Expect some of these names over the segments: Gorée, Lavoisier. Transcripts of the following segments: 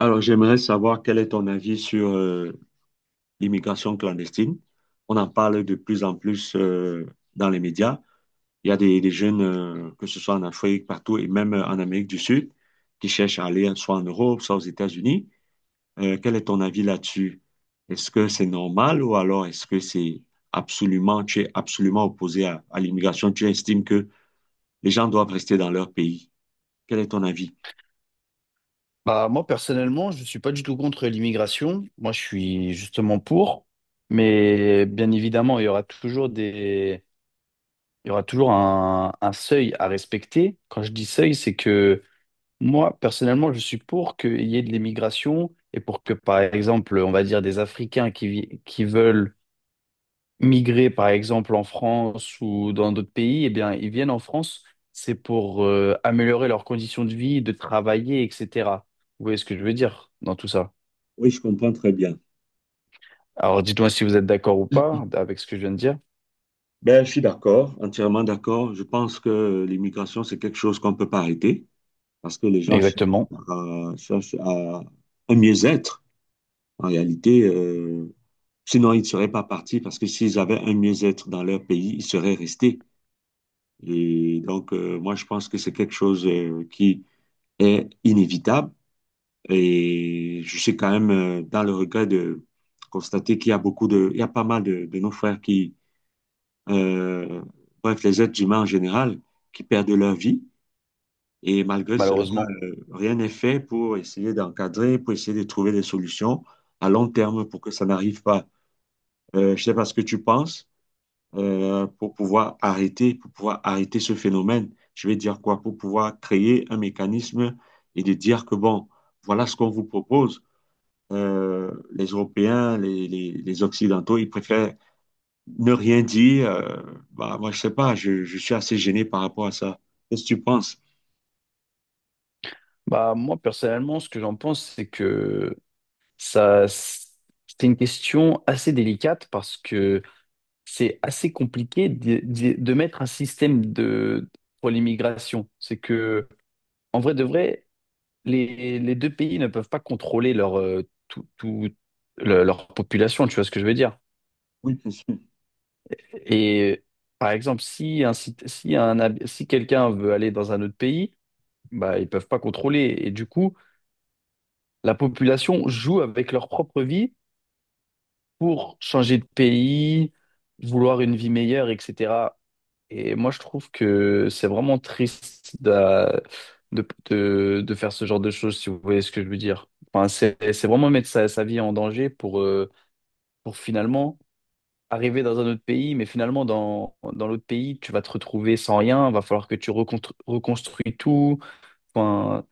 Alors, j'aimerais savoir quel est ton avis sur l'immigration clandestine. On en parle de plus en plus dans les médias. Il y a des jeunes, que ce soit en Afrique, partout, et même en Amérique du Sud, qui cherchent à aller soit en Europe, soit aux États-Unis. Quel est ton avis là-dessus? Est-ce que c'est normal ou alors est-ce que tu es absolument opposé à l'immigration? Tu estimes que les gens doivent rester dans leur pays? Quel est ton avis? Bah, moi, personnellement, je ne suis pas du tout contre l'immigration. Moi, je suis justement pour. Mais bien évidemment, il y aura toujours il y aura toujours un seuil à respecter. Quand je dis seuil, c'est que moi, personnellement, je suis pour qu'il y ait de l'immigration et pour que, par exemple, on va dire des Africains qui, qui veulent migrer, par exemple, en France ou dans d'autres pays, eh bien, ils viennent en France. C'est pour améliorer leurs conditions de vie, de travailler, etc. Vous voyez ce que je veux dire dans tout ça? Oui, je comprends très bien. Alors dites-moi si vous êtes d'accord ou pas avec ce que je viens de dire. Ben, je suis d'accord, entièrement d'accord. Je pense que l'immigration, c'est quelque chose qu'on ne peut pas arrêter parce que les gens cherchent Exactement, à, cherchent à un mieux-être. En réalité, sinon, ils ne seraient pas partis parce que s'ils avaient un mieux-être dans leur pays, ils seraient restés. Et donc, moi, je pense que c'est quelque chose qui est inévitable. Et je suis quand même dans le regret de constater qu'il y a il y a pas mal de nos frères qui euh, bref, les êtres humains en général, qui perdent leur vie. Et malgré cela, malheureusement. Rien n'est fait pour essayer d'encadrer, pour essayer de trouver des solutions à long terme pour que ça n'arrive pas. Je ne sais pas ce que tu penses pour pouvoir arrêter ce phénomène. Je vais dire quoi? Pour pouvoir créer un mécanisme et de dire que bon, voilà ce qu'on vous propose. Les Européens, les Occidentaux, ils préfèrent ne rien dire, bah, moi, je sais pas, je suis assez gêné par rapport à ça. Qu'est-ce que tu penses? Bah, moi, personnellement, ce que j'en pense, c'est que ça, c'est une question assez délicate parce que c'est assez compliqué de mettre un système de pour l'immigration. C'est que en vrai de vrai, les deux pays ne peuvent pas contrôler leur leur population, tu vois ce que je veux dire. Oui, bien sûr. Et par exemple, si un, sit- si un hab- si quelqu'un veut aller dans un autre pays, bah, ils peuvent pas contrôler. Et du coup, la population joue avec leur propre vie pour changer de pays, vouloir une vie meilleure, etc. Et moi, je trouve que c'est vraiment triste de faire ce genre de choses, si vous voyez ce que je veux dire. Enfin, c'est vraiment mettre sa vie en danger pour finalement arriver dans un autre pays, mais finalement, dans l'autre pays, tu vas te retrouver sans rien, va falloir que tu reconstruis tout. Enfin,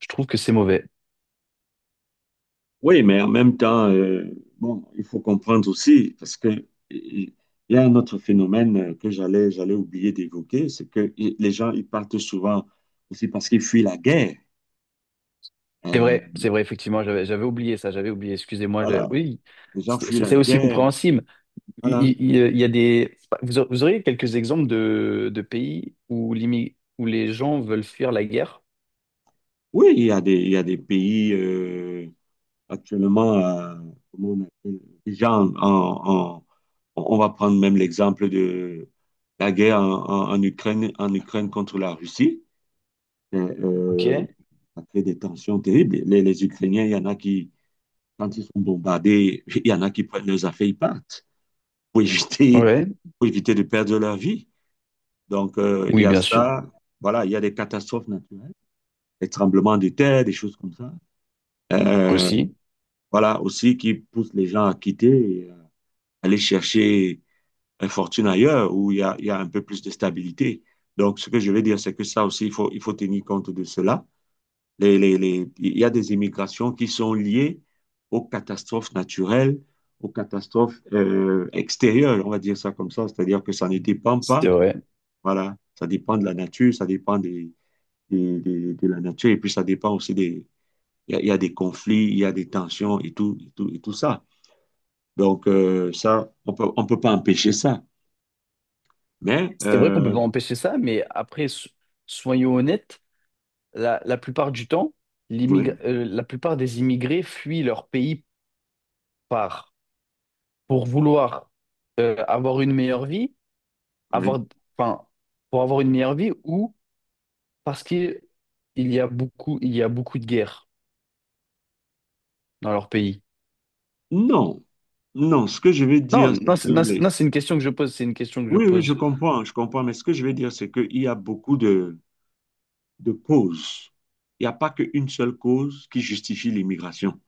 je trouve que c'est mauvais. Oui, mais en même temps, bon, il faut comprendre aussi, parce que il y a un autre phénomène que j'allais oublier d'évoquer, c'est que les gens, ils partent souvent aussi parce qu'ils fuient la guerre. Euh, C'est vrai, effectivement, j'avais oublié ça, j'avais oublié, excusez-moi. Voilà, Oui, les gens fuient la c'est aussi guerre. compréhensible. Voilà. Il y a des... vous auriez quelques exemples de pays où, où les gens veulent fuir la guerre? Oui, il y a des pays. Actuellement, comment on appelle, déjà, on va prendre même l'exemple de la guerre en Ukraine contre la Russie. Euh, Ok. euh, Ça crée des tensions terribles. Les Ukrainiens, il y en a qui, quand ils sont bombardés, il y en a qui prennent leurs affaires, ils partent pour éviter, Ouais. pour éviter de perdre leur vie. Donc, il y Oui, a bien sûr. ça. Voilà, il y a des catastrophes naturelles, des tremblements de terre, des choses comme ça. Euh, Aussi, voilà, aussi qui poussent les gens à quitter, aller chercher une fortune ailleurs où il y a un peu plus de stabilité. Donc, ce que je veux dire, c'est que ça aussi, il faut tenir compte de cela. Il y a des immigrations qui sont liées aux catastrophes naturelles, aux catastrophes extérieures, on va dire ça comme ça, c'est-à-dire que ça ne dépend pas, c'est vrai. voilà, ça dépend de la nature, ça dépend de la nature, et puis ça dépend aussi des, il y, a, y a des conflits, il y a des tensions et tout ça. Donc, ça, on peut pas empêcher ça. Mais, C'est vrai qu'on peut pas empêcher ça, mais après, soyons honnêtes, la plupart du temps, oui, la plupart des immigrés fuient leur pays par, pour vouloir avoir une meilleure vie oui. avoir, enfin, pour avoir une meilleure vie ou parce qu'il y a beaucoup, il y a beaucoup de guerres dans leur pays? Non, non, ce que je veux Non, dire, c'est non, c'est, que non, c'est non, c'est une question que je pose, c'est une question que je Oui, oui, je pose. comprends, je comprends, mais ce que je veux dire, c'est qu'il y a beaucoup de causes. Il n'y a pas qu'une seule cause qui justifie l'immigration.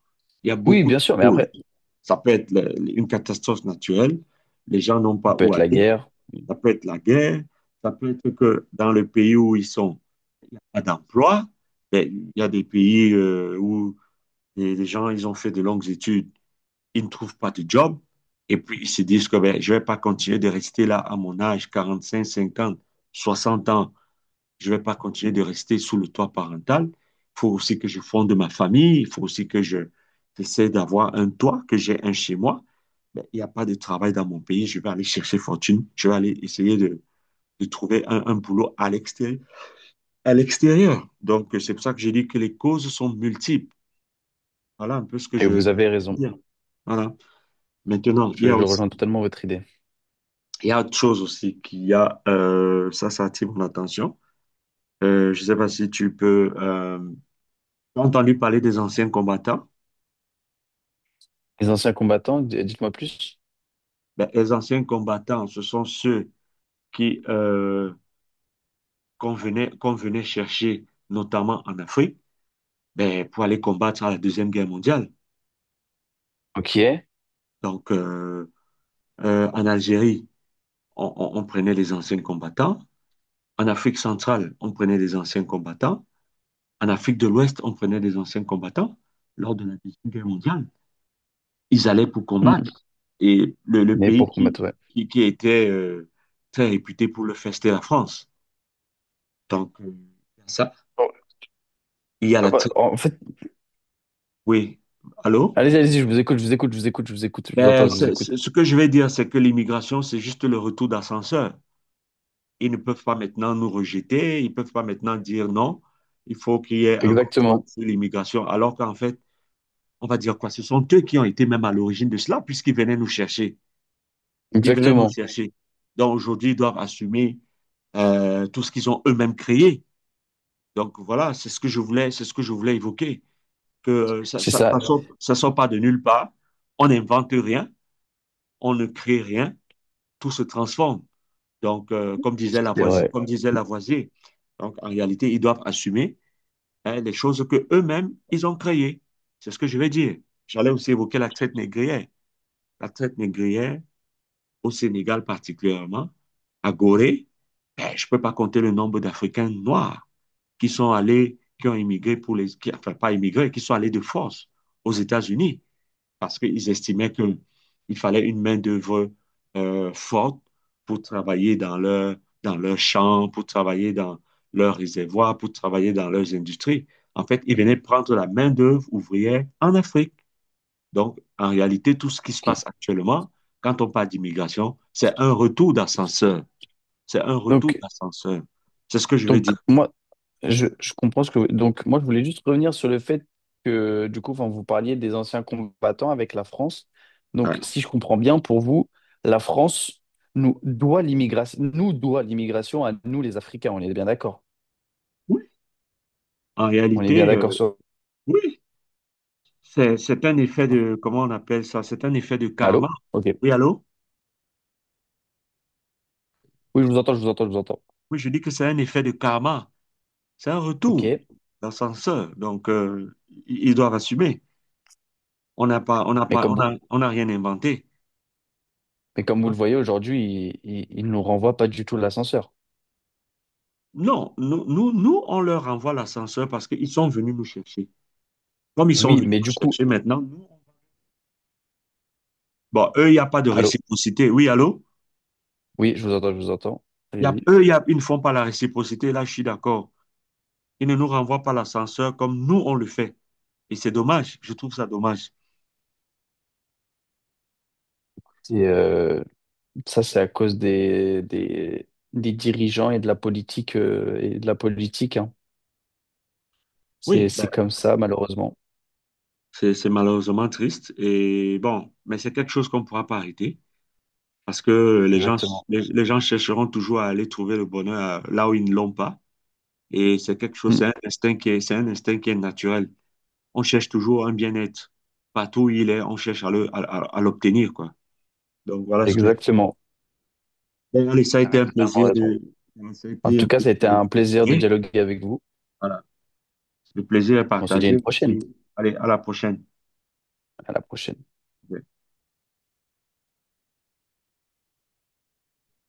Il y a Oui, beaucoup bien de sûr, mais causes. après, Ça peut être une catastrophe naturelle, les gens n'ont ça pas peut où être la aller, guerre. ça peut être la guerre, ça peut être que dans le pays où ils sont, il n'y a pas d'emploi. Mais il y a des pays où les gens, ils ont fait de longues études, ils ne trouvent pas de job. Et puis, ils se disent que ben, je ne vais pas continuer de rester là à mon âge, 45, 50, 60 ans. Je ne vais pas continuer de rester sous le toit parental. Il faut aussi que je fonde ma famille. Il faut aussi que j'essaie d'avoir un toit, que j'ai un chez moi. Ben, il n'y a pas de travail dans mon pays. Je vais aller chercher fortune. Je vais aller essayer de trouver un boulot à l'extérieur. À l'extérieur. Donc, c'est pour ça que j'ai dit que les causes sont multiples. Voilà un peu ce que Et je veux vous avez raison. dire. Voilà. Maintenant, il y a Je aussi. rejoins totalement votre idée. Il y a autre chose aussi ça attire mon attention. Je ne sais pas si t'as entendu parler des anciens combattants. Les anciens combattants, dites-moi plus. Ben, les anciens combattants, ce sont ceux qui, euh, qu'on venait chercher, notamment en Afrique, ben, pour aller combattre à la Deuxième Guerre mondiale. Ok. Donc, en Algérie, on prenait les anciens combattants. En Afrique centrale, on prenait des anciens combattants. En Afrique de l'Ouest, on prenait des anciens combattants lors de la Deuxième Guerre mondiale, ils allaient pour Hmm. combattre. Et le Mais pays pour qui, combattre, ouais. qui, qui était très réputé pour le faire, c'était la France. Donc, ça, Bon, il y a en fait, Oui, allô? allez, allez-y, je vous écoute, je vous écoute, je vous écoute, je vous écoute, je vous entends, Ben, je vous écoute. Ce que je vais dire, c'est que l'immigration, c'est juste le retour d'ascenseur. Ils ne peuvent pas maintenant nous rejeter, ils ne peuvent pas maintenant dire non, il faut qu'il y ait un contrôle Exactement, sur l'immigration, alors qu'en fait, on va dire quoi? Ce sont eux qui ont été même à l'origine de cela, puisqu'ils venaient nous chercher. Ils venaient nous exactement. chercher. Donc aujourd'hui, ils doivent assumer tout ce qu'ils ont eux-mêmes créé. Donc voilà, c'est ce que je voulais, c'est ce que je voulais évoquer, que ça, C'est ça, ça, ça sort, ça sort pas de nulle part. On n'invente rien, on ne crée rien, tout se transforme. Donc comme disait c'est Lavoisier, vrai. comme disait Lavoisier, donc en réalité, ils doivent assumer hein, les choses que eux-mêmes ils ont créées. C'est ce que je vais dire. J'allais aussi évoquer la traite négrière. La traite négrière, au Sénégal particulièrement, à Gorée, ben, je ne peux pas compter le nombre d'Africains noirs qui sont allés, qui ont immigré pour les, qui, enfin pas immigré, qui sont allés de force aux États-Unis parce qu'ils estimaient qu'il fallait une main-d'œuvre forte pour travailler dans leur, dans leurs champs, pour travailler dans leurs réservoirs, pour travailler dans leurs industries. En fait, ils venaient prendre la main-d'œuvre ouvrière en Afrique. Donc, en réalité, tout ce qui se Ok. passe actuellement, quand on parle d'immigration, c'est un retour d'ascenseur. C'est un retour Donc, d'ascenseur. C'est ce que je veux Donc, dire. moi, je comprends ce que... Donc, moi, je voulais juste revenir sur le fait que, du coup, enfin, vous parliez des anciens combattants avec la France. Donc, Ouais. si je comprends bien, pour vous, la France nous doit l'immigration à nous, les Africains. On est bien d'accord. Oui, en On est bien réalité, d'accord sur... oui, c'est un effet de, comment on appelle ça? C'est un effet de karma. Allô? Ok. Oui, allô? Oui, je vous entends, je vous entends, je vous entends. Oui, je dis que c'est un effet de karma. C'est un Ok. retour d'ascenseur. Donc, ils doivent assumer. On n'a pas, on n'a Mais pas, on comme vous, a- On n'a rien inventé. mais comme vous le voyez aujourd'hui, il nous renvoie pas du tout l'ascenseur. Non, nous on leur envoie l'ascenseur parce qu'ils sont venus nous chercher. Comme ils sont Oui, venus mais du nous coup... chercher maintenant, nous, bon, eux, il n'y a pas de Allô? réciprocité. Oui, allô? Oui, je vous entends, je vous entends. Il Y a, Allez-y. eux, il y a- Ils ne font pas la réciprocité. Là, je suis d'accord. Ils ne nous renvoient pas l'ascenseur comme nous, on le fait. Et c'est dommage. Je trouve ça dommage. Et, ça, c'est à cause des, des dirigeants et de la politique, et de la politique, hein. Oui, ben, C'est comme ça, malheureusement. c'est malheureusement triste. Et bon, mais c'est quelque chose qu'on ne pourra pas arrêter parce que les gens, Exactement. les, les gens chercheront toujours à aller trouver le bonheur là où ils ne l'ont pas. Et c'est quelque chose, Mm. c'est un instinct qui est, c'est un instinct qui est naturel. On cherche toujours un bien-être. Partout où il est, on cherche à à l'obtenir, quoi. Donc voilà. Exactement. Bon, allez, ça a Vous été avez un totalement plaisir raison. de... Ça a En été tout un cas, ça a plaisir été un plaisir de de- dialoguer avec vous. Voilà, le plaisir est On se dit à une partagé. prochaine. Allez, à la prochaine. À la prochaine.